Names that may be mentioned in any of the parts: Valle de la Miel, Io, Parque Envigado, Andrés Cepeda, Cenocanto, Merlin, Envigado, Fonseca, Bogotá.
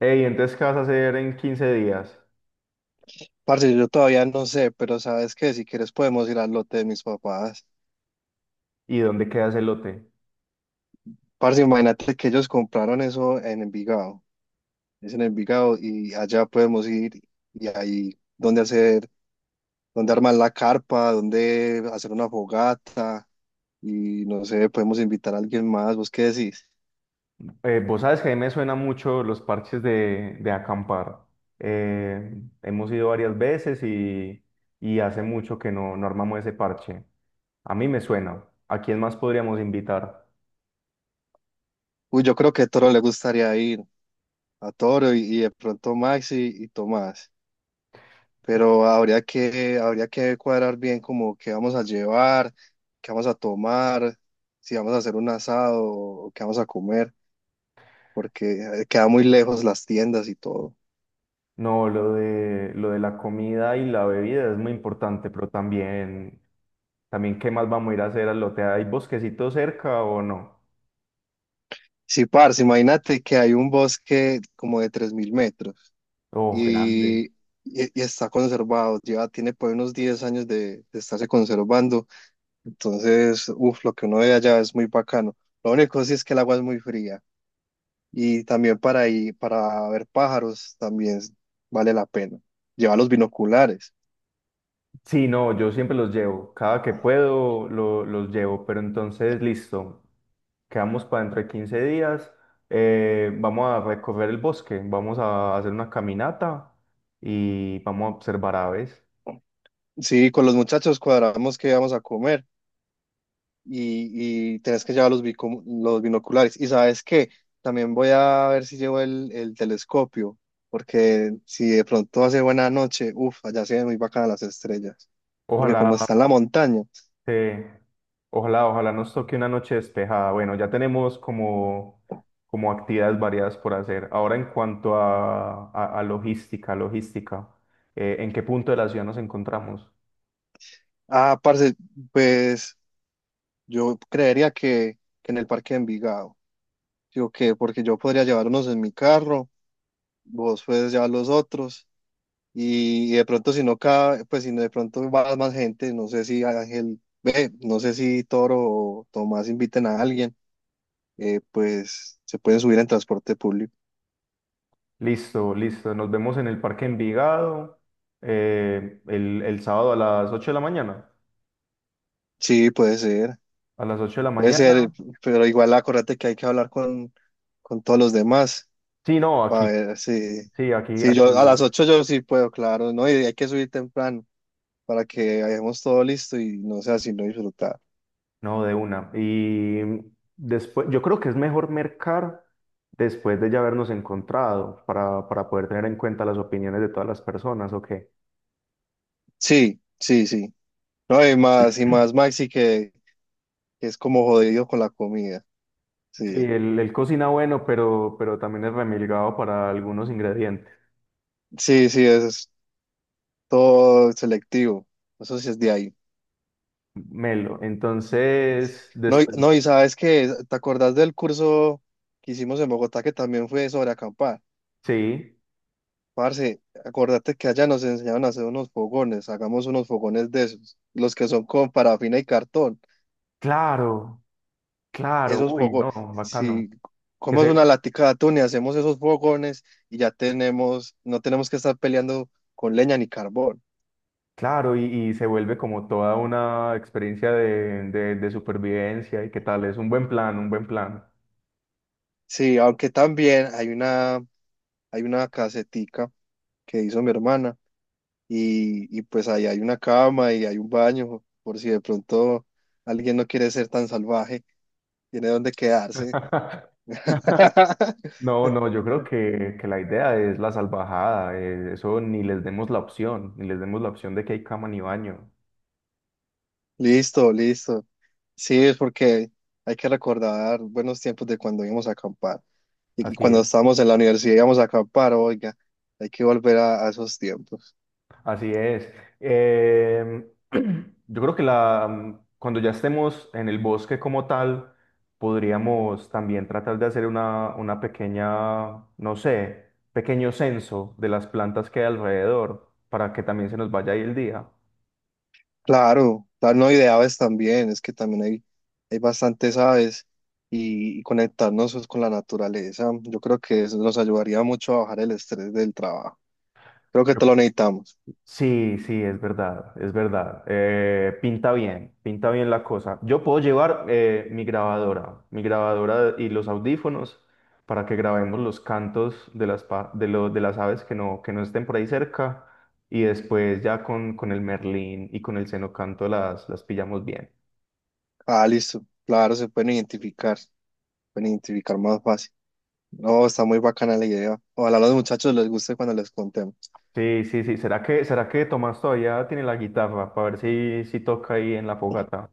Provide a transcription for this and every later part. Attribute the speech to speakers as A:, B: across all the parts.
A: Ey, entonces, ¿qué vas a hacer en 15 días?
B: Parce, yo todavía no sé, pero sabes que si quieres podemos ir al lote de mis papás.
A: ¿Y dónde queda el lote?
B: Parce, imagínate que ellos compraron eso en Envigado. Es en Envigado y allá podemos ir y ahí donde hacer, donde armar la carpa, donde hacer una fogata y no sé, podemos invitar a alguien más. ¿Vos qué decís?
A: Vos sabes que a mí me suena mucho los parches de acampar. Hemos ido varias veces y hace mucho que no armamos ese parche. A mí me suena. ¿A quién más podríamos invitar?
B: Uy, yo creo que a Toro le gustaría ir, a Toro y de pronto Maxi y Tomás. Pero habría que cuadrar bien como qué vamos a llevar, qué vamos a tomar, si vamos a hacer un asado o qué vamos a comer, porque queda muy lejos las tiendas y todo.
A: No, lo de la comida y la bebida es muy importante, pero también, ¿qué más vamos a ir a hacer al lote? ¿Hay bosquecito cerca o no?
B: Sí, parce, imagínate que hay un bosque como de 3000 metros
A: Oh, grande.
B: y, y- y está conservado, lleva, tiene por ahí unos 10 años de estarse conservando, entonces, uff, lo que uno ve allá es muy bacano. Lo único sí es que el agua es muy fría. Y también para ir, para ver pájaros también vale la pena. Llevar los binoculares.
A: Sí, no, yo siempre los llevo. Cada que puedo los llevo. Pero entonces, listo. Quedamos para dentro de 15 días. Vamos a recorrer el bosque. Vamos a hacer una caminata y vamos a observar aves.
B: Sí, con los muchachos cuadramos qué vamos a comer y tenés que llevar los, los binoculares. Y sabes qué, también voy a ver si llevo el telescopio, porque si de pronto hace buena noche, uff, allá se ven muy bacanas las estrellas, porque como
A: Ojalá.
B: está en la montaña.
A: eh, Ojalá nos toque una noche despejada. Bueno, ya tenemos como actividades variadas por hacer. Ahora, en cuanto a logística, logística, ¿en qué punto de la ciudad nos encontramos?
B: Ah, parce, pues yo creería que en el parque de Envigado, digo que, porque yo podría llevar unos en mi carro, vos pues ya los otros. Y de pronto si no cabe, pues si no de pronto va más gente, no sé si Ángel, ve, no sé si Toro o Tomás inviten a alguien, pues se pueden subir en transporte público.
A: Listo, listo. Nos vemos en el Parque Envigado el sábado a las 8 de la mañana.
B: Sí,
A: A las 8 de la
B: puede
A: mañana.
B: ser, pero igual acuérdate que hay que hablar con todos los demás
A: Sí, no, aquí,
B: para ver si,
A: sí,
B: si
A: aquí,
B: yo a las 8 yo sí puedo, claro, ¿no? Y hay que subir temprano para que hayamos todo listo y no sea sino disfrutar.
A: no, de una. Y después, yo creo que es mejor mercar después de ya habernos encontrado para poder tener en cuenta las opiniones de todas las personas, ¿o qué?
B: Sí, sí, sí. No, y más Maxi que es como jodido con la comida.
A: Sí,
B: Sí,
A: él cocina bueno, pero también es remilgado para algunos ingredientes.
B: sí, sí, eso es todo selectivo. Eso sí es de ahí.
A: Melo. Entonces,
B: No,
A: después,
B: no, y sabes que, ¿te acordás del curso que hicimos en Bogotá que también fue sobre acampar?
A: sí,
B: Parce, acordate que allá nos enseñaron a hacer unos fogones, hagamos unos fogones de esos, los que son con parafina y cartón,
A: claro. Claro,
B: esos
A: uy, no,
B: fogones,
A: bacano.
B: si
A: Que
B: comemos una
A: se,
B: latica de atún y hacemos esos fogones y ya tenemos, no tenemos que estar peleando con leña ni carbón.
A: claro, y se vuelve como toda una experiencia de supervivencia y qué tal, es un buen plan, un buen plan.
B: Sí, aunque también hay una casetica que hizo mi hermana y pues ahí hay una cama y hay un baño por si de pronto alguien no quiere ser tan salvaje, tiene donde quedarse.
A: No, no, yo creo que la idea es la salvajada, eso ni les demos la opción, ni les demos la opción de que hay cama ni baño.
B: Listo, listo. Sí, es porque hay que recordar buenos tiempos de cuando íbamos a acampar y
A: Así
B: cuando
A: es.
B: estábamos en la universidad íbamos a acampar, oiga, hay que volver a esos tiempos.
A: Así es. Em, yo creo que cuando ya estemos en el bosque como tal, podríamos también tratar de hacer una pequeña, no sé, pequeño censo de las plantas que hay alrededor para que también se nos vaya ahí el día.
B: Claro, tal, no, y de aves también, es que también hay bastantes aves y conectarnos pues, con la naturaleza, yo creo que eso nos ayudaría mucho a bajar el estrés del trabajo. Creo que todo lo necesitamos.
A: Sí, sí, es verdad, es verdad. Pinta bien, pinta bien la cosa. Yo puedo llevar mi grabadora y los audífonos para que grabemos los cantos de las, pa- de lo- de las aves que no estén por ahí cerca y después ya con el merlín y con el cenocanto las pillamos bien.
B: Ah, listo, claro, se pueden identificar más fácil. No, está muy bacana la idea. Ojalá a los muchachos les guste cuando les contemos.
A: Sí, sí, sí. ¿Será que Tomás todavía tiene la guitarra para ver si toca ahí en la fogata?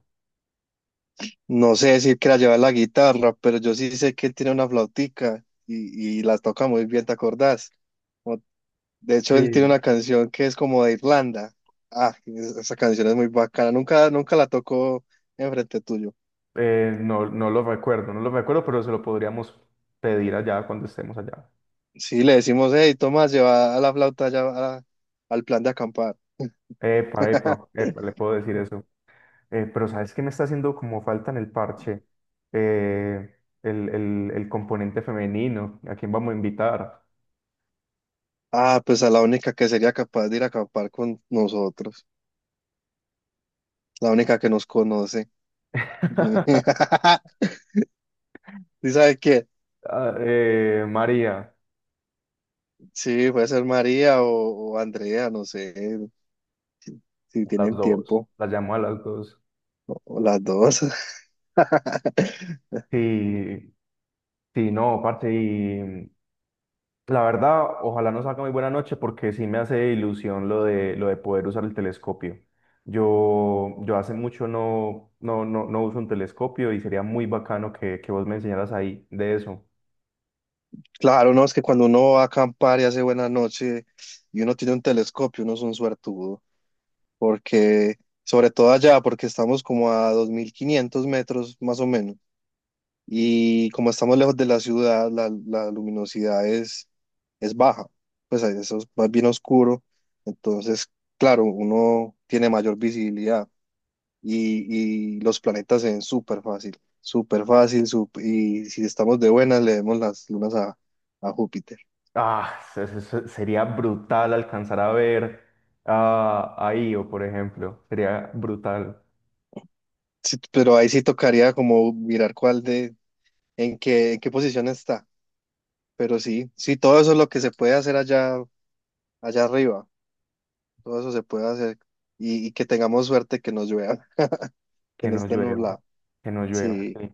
B: No sé decir que la lleva la guitarra, pero yo sí sé que él tiene una flautica y la toca muy bien, ¿te acordás? De hecho, él tiene
A: Sí.
B: una canción que es como de Irlanda. Ah, esa canción es muy bacana. Nunca, nunca la tocó enfrente tuyo.
A: No, no lo recuerdo, no lo recuerdo, pero se lo podríamos pedir allá cuando estemos allá.
B: Sí, le decimos, hey, Tomás, lleva a la flauta allá al plan de acampar.
A: Epa, epa, epa, le puedo decir eso. Pero ¿sabes qué me está haciendo como falta en el parche? Eh, el componente femenino. ¿A quién vamos a invitar?
B: Ah, pues a la única que sería capaz de ir a acampar con nosotros. La única que nos conoce. ¿Sí sabe qué?
A: Ah, María,
B: Sí, puede ser María o Andrea, no sé, si
A: a las
B: tienen
A: dos.
B: tiempo,
A: La llamo a las dos.
B: o las dos.
A: Sí, sí, no, parce, la verdad, ojalá no salga muy buena noche porque sí me hace ilusión lo de poder usar el telescopio. Yo hace mucho no uso un telescopio y sería muy bacano que vos me enseñaras ahí de eso.
B: Claro, no, es que cuando uno va a acampar y hace buena noche y uno tiene un telescopio, uno es un suertudo, porque, sobre todo allá, porque estamos como a 2500 metros más o menos, y como estamos lejos de la ciudad, la luminosidad es baja, pues ahí eso es más bien oscuro, entonces, claro, uno tiene mayor visibilidad y los planetas se ven súper fácil, y si estamos de buenas, le vemos las lunas a Júpiter.
A: Ah, sería brutal alcanzar a ver a Io, por ejemplo. Sería brutal
B: Sí, pero ahí sí tocaría como mirar cuál de, en qué posición está. Pero sí, sí, todo eso es lo que se puede hacer allá, allá arriba. Todo eso se puede hacer. Y que tengamos suerte que nos llueva, que
A: que
B: no
A: no
B: esté
A: llueva,
B: nublado.
A: que no llueva,
B: Sí.
A: sí.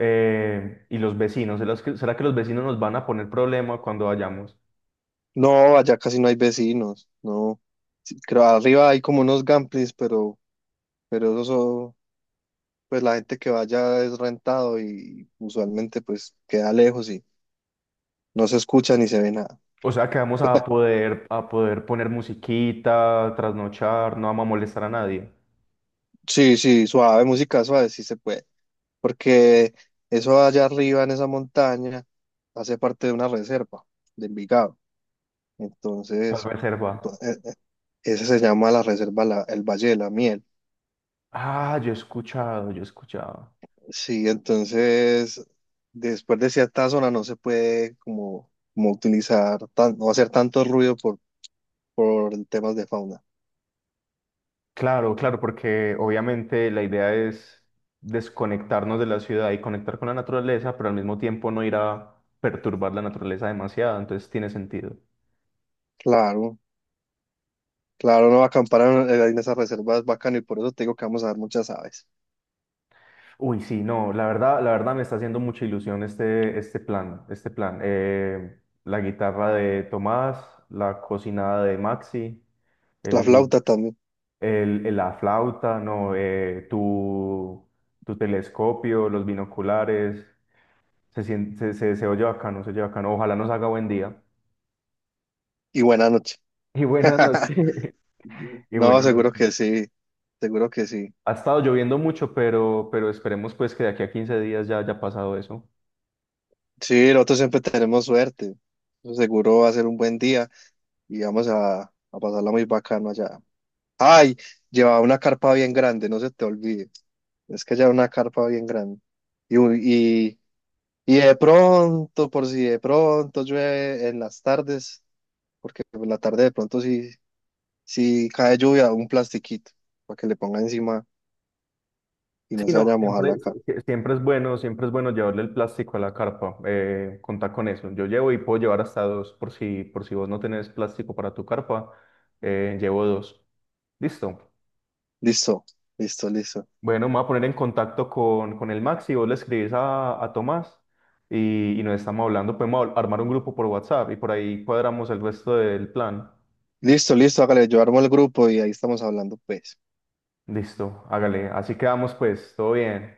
A: Y los vecinos, será que los vecinos nos van a poner problema cuando vayamos?
B: No, allá casi no hay vecinos. No. Sí, creo arriba hay como unos gamplings, pero pues la gente que vaya es rentado y usualmente pues queda lejos y no se escucha ni se ve nada.
A: O sea que vamos a poder poner musiquita, trasnochar, no vamos a molestar a nadie.
B: Sí, sí, suave, música suave, sí se puede. Porque eso allá arriba en esa montaña hace parte de una reserva de Envigado.
A: ¿Cuál
B: Entonces, ento-
A: reserva?
B: eh, eh, ese se llama la reserva el Valle de la Miel.
A: Ah, yo he escuchado, yo he escuchado.
B: Sí, entonces, después de cierta zona no se puede como, como utilizar, tan, no hacer tanto ruido por temas de fauna.
A: Claro, claro, porque obviamente la idea es desconectarnos de la ciudad y conectar con la naturaleza, pero al mismo tiempo no ir a perturbar la naturaleza demasiado, entonces tiene sentido.
B: Claro, claro, no acampar en esas reservas es bacano y por eso te digo que vamos a ver muchas aves.
A: Uy, sí, no, la verdad me está haciendo mucha ilusión este plan, este plan. La guitarra de Tomás, la cocinada de Maxi,
B: La
A: el,
B: flauta también.
A: la flauta, no, tu telescopio, los binoculares, se oye bacano, se oye bacano. Ojalá nos haga buen día.
B: Y buena noche.
A: Y buena noche. Y
B: No,
A: buena
B: seguro
A: noche.
B: que sí. Seguro que sí.
A: Ha estado lloviendo mucho, pero esperemos pues que de aquí a 15 días ya haya pasado eso.
B: Sí, nosotros siempre tenemos suerte. Eso seguro va a ser un buen día y vamos a pasarla muy bacano allá. Ay, lleva una carpa bien grande, no se te olvide. Es que lleva una carpa bien grande. Y, un- y, y de pronto, por si de pronto llueve en las tardes, porque en la tarde de pronto si, si cae lluvia, un plastiquito para que le ponga encima y no
A: Sí,
B: se
A: no,
B: vaya a mojar la
A: siempre, si-
B: cara.
A: si- siempre es bueno llevarle el plástico a la carpa, contar con eso. Yo llevo y puedo llevar hasta dos, por si vos no tenés plástico para tu carpa, llevo dos. Listo.
B: Listo, listo, listo.
A: Bueno, me voy a poner en contacto con el Maxi, vos le escribís a Tomás y nos estamos hablando, podemos armar un grupo por WhatsApp y por ahí cuadramos el resto del plan.
B: Listo, listo, hágale, yo armo el grupo y ahí estamos hablando, pues.
A: Listo, hágale, así quedamos pues, todo bien.